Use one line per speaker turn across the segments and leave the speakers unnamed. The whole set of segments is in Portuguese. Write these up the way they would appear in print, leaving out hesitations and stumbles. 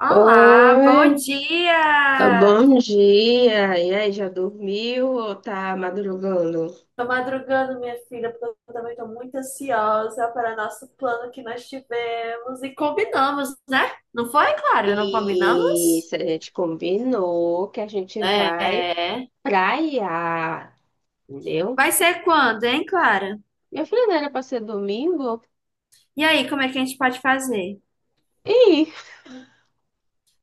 Olá,
Oi,
bom
tá
dia!
bom dia. E aí, já dormiu ou tá madrugando?
Tô madrugando, minha filha, porque eu também tô muito ansiosa para nosso plano que nós tivemos e combinamos, né? Não foi, Clara? Não combinamos?
Isso, a gente combinou que a gente vai
É.
praia, entendeu?
Vai ser quando, hein, Clara?
Minha filha não era pra ser domingo?
E aí, como é que a gente pode fazer?
Ih,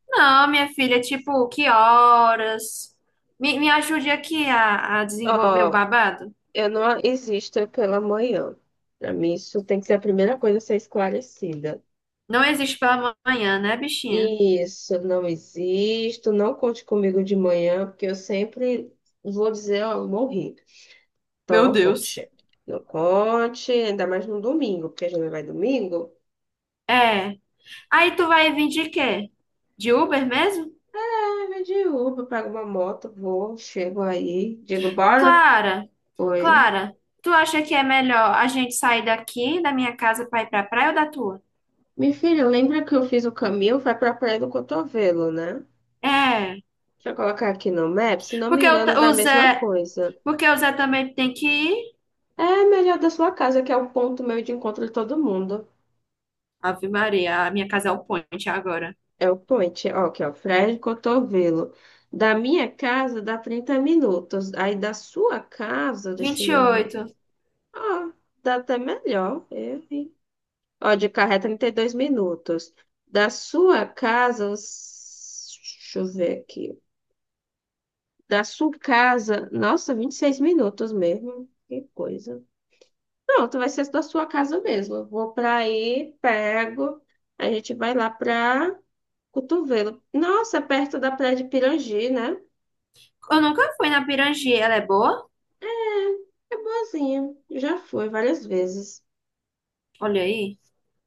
Não, minha filha, tipo, que horas? Me ajude aqui a desenvolver o
ó,
babado?
eu não existo pela manhã. Pra mim, isso tem que ser a primeira coisa a ser esclarecida.
Não existe pela manhã, né, bichinha?
Isso, não existo. Não conte comigo de manhã, porque eu sempre vou dizer, ó, morri. Então
Meu
não
Deus.
conte. Não conte, ainda mais no domingo, porque a gente vai domingo.
É. Aí tu vai vir de quê? De Uber mesmo?
Ah, vai de Uber, pego uma moto, vou, chego aí, digo, bora?
Clara,
Oi.
Clara, tu acha que é melhor a gente sair daqui da minha casa para ir pra praia ou da tua?
Minha filha, lembra que eu fiz o caminho? Vai pra Praia do Cotovelo, né?
É,
Deixa eu colocar aqui no Maps, se não me
porque o,
engano,
Ta-
dá a
o
mesma
Zé,
coisa.
porque o Zé também tem que ir.
É melhor da sua casa, que é o ponto meio de encontro de todo mundo.
Ave Maria, a minha casa é o point agora.
É o point, ó, que é o Praia do Cotovelo. Da minha casa dá 30 minutos. Aí da sua casa, deixa eu
Vinte e
me ver.
oito.
Ah, dá até melhor. Eu, hein? Ó, de carro é 32 minutos. Da sua casa, deixa eu ver aqui. Da sua casa, nossa, 26 minutos mesmo. Que coisa. Pronto, vai ser da sua casa mesmo. Eu vou pra aí, pego. A gente vai lá pra Cotovelo. Nossa, é perto da Praia de Pirangi, né?
Eu nunca fui na Pirangi, ela é boa?
É boazinha. Já fui várias vezes.
Olha aí,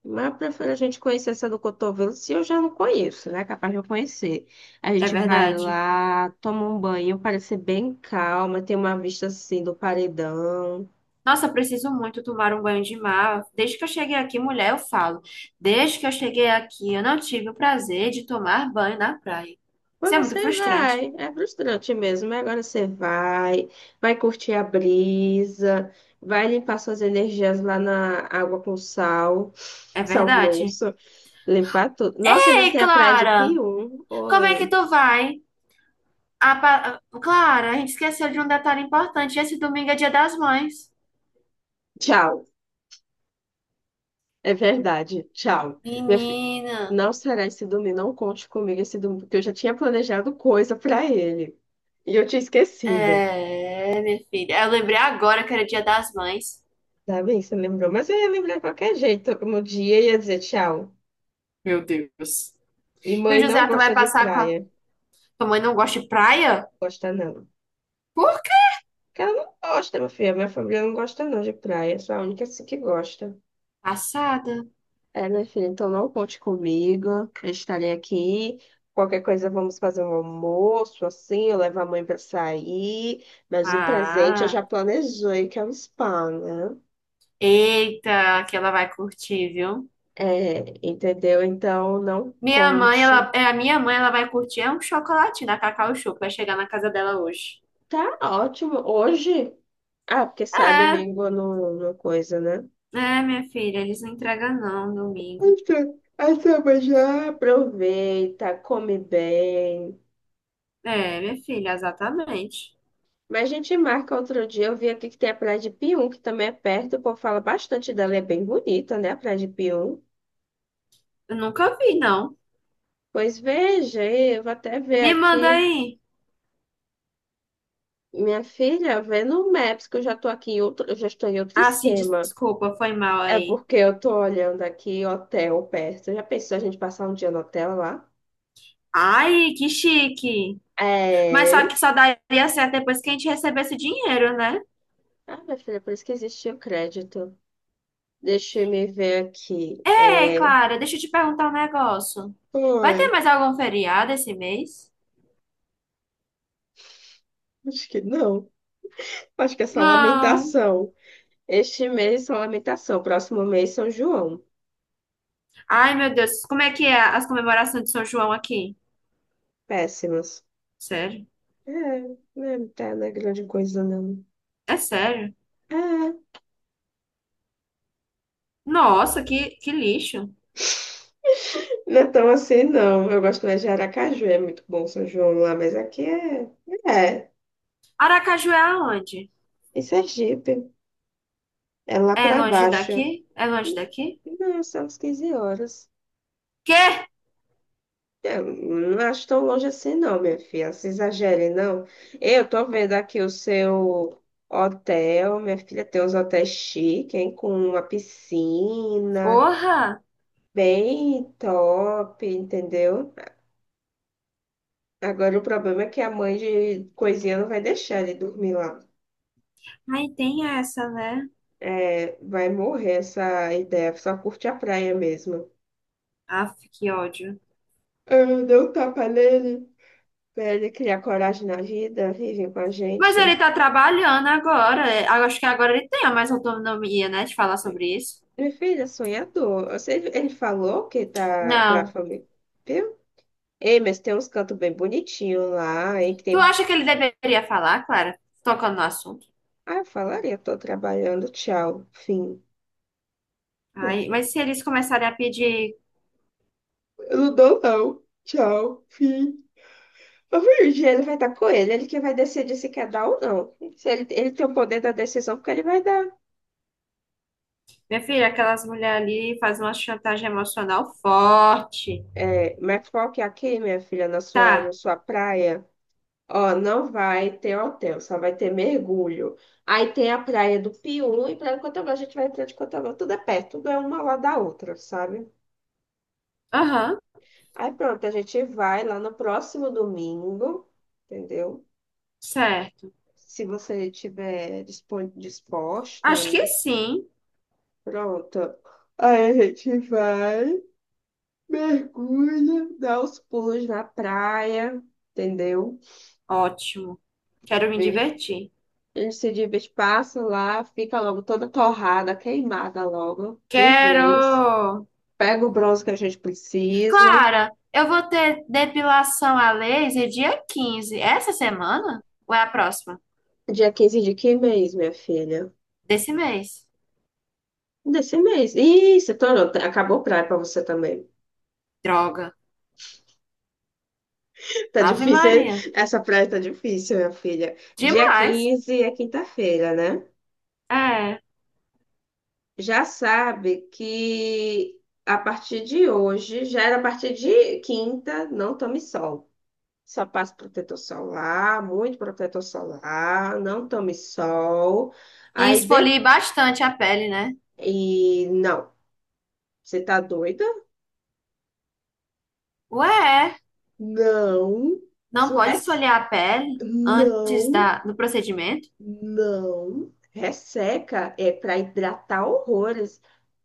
Mas eu prefiro a gente conhecer essa do cotovelo, se eu já não conheço, né? Capaz de eu conhecer. A
é
gente vai
verdade.
lá, toma um banho, parece bem calma, tem uma vista assim do paredão.
Nossa, eu preciso muito tomar um banho de mar. Desde que eu cheguei aqui, mulher, eu falo. Desde que eu cheguei aqui, eu não tive o prazer de tomar banho na praia.
Mas
Isso é muito
você
frustrante.
vai, é frustrante mesmo, mas agora você vai, vai curtir a brisa, vai limpar suas energias lá na água com sal,
É
sal
verdade.
grosso, limpar tudo. Nossa, ainda
Ei,
tem a praia de
Clara,
Pium.
como é que
Oi,
tu vai? Clara, a gente esqueceu de um detalhe importante. Esse domingo é Dia das Mães.
tchau. É verdade, tchau. Minha fi-
Menina.
Não será esse domingo, não conte comigo esse domingo, porque eu já tinha planejado coisa pra ele. E eu tinha esquecido.
É, minha filha. Eu lembrei agora que era Dia das Mães.
Tá bem, você lembrou, mas eu ia lembrar de qualquer jeito. No dia eu ia dizer tchau.
Meu Deus.
E
E o
mãe não
José, tu vai
gosta de
passar com a...
praia.
Tua mãe não gosta de praia?
Gosta não.
Por quê?
Porque ela não gosta, minha filha. Minha família não gosta não de praia. Sou a única assim que gosta.
Passada.
É, minha filha, então não conte comigo. Eu estarei aqui. Qualquer coisa, vamos fazer um almoço, assim, eu levo a mãe pra sair. Mas o presente eu
Ah,
já planejei, que é o spa, né?
eita, que ela vai curtir, viu?
É, entendeu? Então, não
Minha mãe,
conte.
ela, é, a minha mãe, ela vai curtir é um chocolate da Cacau Show, que vai chegar na casa dela hoje.
Tá ótimo. Hoje? Ah, porque sai
É,
domingo no coisa, né?
é, minha filha, eles não entregam não, domingo.
Então, então, mas já aproveita, come bem.
É, minha filha, exatamente.
Mas a gente marca outro dia. Eu vi aqui que tem a Praia de Pium, que também é perto. O povo fala bastante dela, é bem bonita, né? A Praia de Pium.
Eu nunca vi, não.
Pois veja, aí, eu vou até ver
Me manda
aqui.
aí.
Minha filha, vê no Maps, que eu já tô aqui em outro, eu já estou em outro
Ah, sim,
esquema.
desculpa, foi mal
É
aí.
porque eu tô olhando aqui hotel perto. Já pensou a gente passar um dia no hotel lá?
Ai, que chique. Mas só
É.
que só daria certo depois que a gente recebesse dinheiro, né?
Ah, minha filha, por isso que existe o crédito. Deixa eu me ver aqui.
Ei,
É.
Clara, deixa eu te perguntar um negócio. Vai
Oi,
ter mais algum feriado esse mês?
acho que não. Acho que é só
Não.
lamentação. Este mês só lamentação. Próximo mês São João.
Ai, meu Deus, como é que é as comemorações de São João aqui?
Péssimos.
Sério?
É, não tá, não é grande coisa, não.
É sério?
É.
Nossa, que lixo.
Não é tão assim, não. Eu gosto mais de Aracaju, é muito bom São João lá, mas aqui é. É,
Aracaju é aonde?
em Sergipe. É lá
É
para
longe
baixo.
daqui? É longe daqui?
Não, são as 15 horas.
Quê?
É, não acho tão longe assim, não, minha filha. Se exagere, não. Eu tô vendo aqui o seu hotel. Minha filha tem uns hotéis chiques, hein? Com uma piscina.
Porra!
Bem top, entendeu? Agora o problema é que a mãe de coisinha não vai deixar ele dormir lá.
Ai, tem essa, né?
É, vai morrer essa ideia. Só curte a praia mesmo.
Aff, que ódio.
Eu dei um tapa nele. Pra ele criar coragem na vida, vive com a
Mas
gente.
ele tá trabalhando agora. É, Acho que agora ele tem a mais autonomia, né, de falar sobre isso.
Meu filho é sonhador. Ele falou que tá pra
Não.
família, viu? Ei, mas tem uns cantos bem bonitinhos lá, hein? Que
Tu
tem...
acha que ele deveria falar, Clara? Tocando no assunto.
Ah, eu falaria, tô trabalhando, tchau, fim. Meu
Ai, mas
filho.
se eles começarem a pedir,
Eu não dou, não. Tchau, fim. Mas um dia ele vai estar com ele, ele que vai decidir se quer dar ou não. Se ele tem o poder da decisão, porque ele vai dar.
minha filha, aquelas mulheres ali fazem uma chantagem emocional forte.
É, mas qual que é aqui, minha filha, na sua, na
Tá.
sua praia? Ó, não vai ter hotel, só vai ter mergulho. Aí tem a praia do Pium e praia de Cotobá. A gente vai entrar de Cotobá, tudo é perto, tudo é uma lá da outra, sabe?
Aham,
Aí pronto, a gente vai lá no próximo domingo, entendeu?
certo.
Se você estiver disposta a
Acho que
isso,
sim.
pronto. Aí a gente vai, mergulha, dá os pulos na praia, entendeu?
Ótimo. Quero me
Vê
divertir.
A gente se divide, passa lá, fica logo toda torrada, queimada logo, de vez.
Quero!
Pega o bronze que a gente precisa.
Clara, eu vou ter depilação a laser dia 15. Essa semana? Ou é a próxima?
Dia 15 de que mês, minha filha?
Desse mês.
Desse mês. Isso, tô, acabou praia pra você também.
Droga.
Tá
Ave
difícil, hein?
Maria.
Essa praia tá difícil, minha filha. Dia
Demais.
15 é quinta-feira, né?
É.
Já sabe que a partir de hoje, já era a partir de quinta, não tome sol. Só passo protetor solar, muito protetor solar, não tome sol.
E
Aí de...
esfolie bastante a pele, né?
E não, você tá doida?
Ué, é.
Não.
Não
Isso
pode
res...
esfoliar a pele antes
não,
da, do procedimento?
não. Resseca é para hidratar horrores.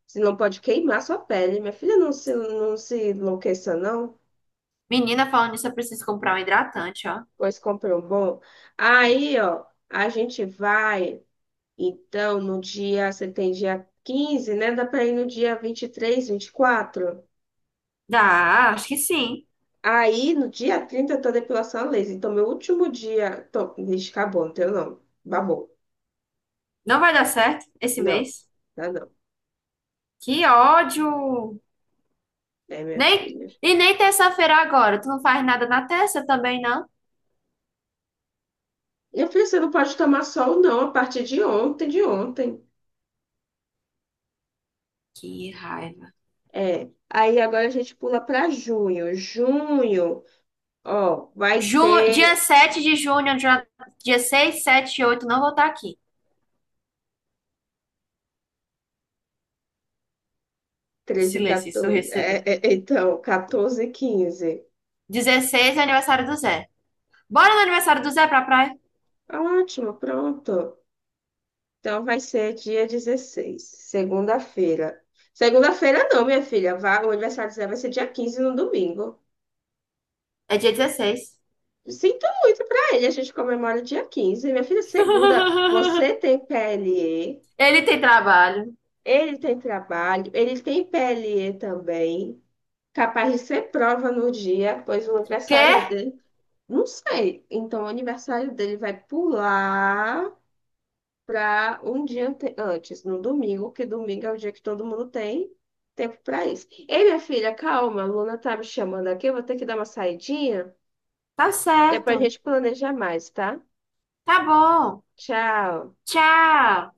Você não pode queimar sua pele. Minha filha, não se enlouqueça, não.
Menina, falando nisso, eu preciso comprar um hidratante, ó.
Pois compre um bom. Aí, ó, a gente vai. Então, no dia, você tem dia 15, né? Dá para ir no dia 23, 24.
Dá, acho que sim.
Aí, no dia 30 eu tô depilação a laser. Então, meu último dia. Tô, vixe, acabou, não tenho não. Babou.
Não vai dar certo esse
Não,
mês.
dá não.
Que ódio!
É, minha
Nem,
filha.
e nem terça-feira agora. Tu não faz nada na terça também, não?
Minha filha, você não pode tomar sol, não, a partir de ontem, de ontem.
Que raiva.
É. Aí, agora a gente pula para junho. Junho, ó, vai
Ju, dia
ter
7 de junho, dia 6, 7, e 8, não vou estar aqui. O
13,
silêncio
14.
ensurdecedor.
É, então, 14, 15.
16 é aniversário do Zé. Bora no aniversário do Zé pra praia?
Ótimo, pronto. Então vai ser dia 16, segunda-feira. Segunda-feira não, minha filha. Vá- o aniversário do Zé vai ser dia 15 no domingo.
É dia 16.
Sinto muito pra ele, a gente comemora dia 15. Minha filha, segunda, você tem PLE,
Ele tem trabalho.
ele tem trabalho, ele tem PLE também. Capaz de ser prova no dia, pois o
Quê?
aniversário dele, não sei. Então o aniversário dele vai pular para um dia antes, no domingo, que domingo é o dia que todo mundo tem tempo para isso. Ei, minha filha, calma, a Luna tá me chamando aqui, eu vou ter que dar uma saidinha,
Tá
depois a
certo.
gente planeja mais, tá?
Tá bom.
Tchau.
Tchau.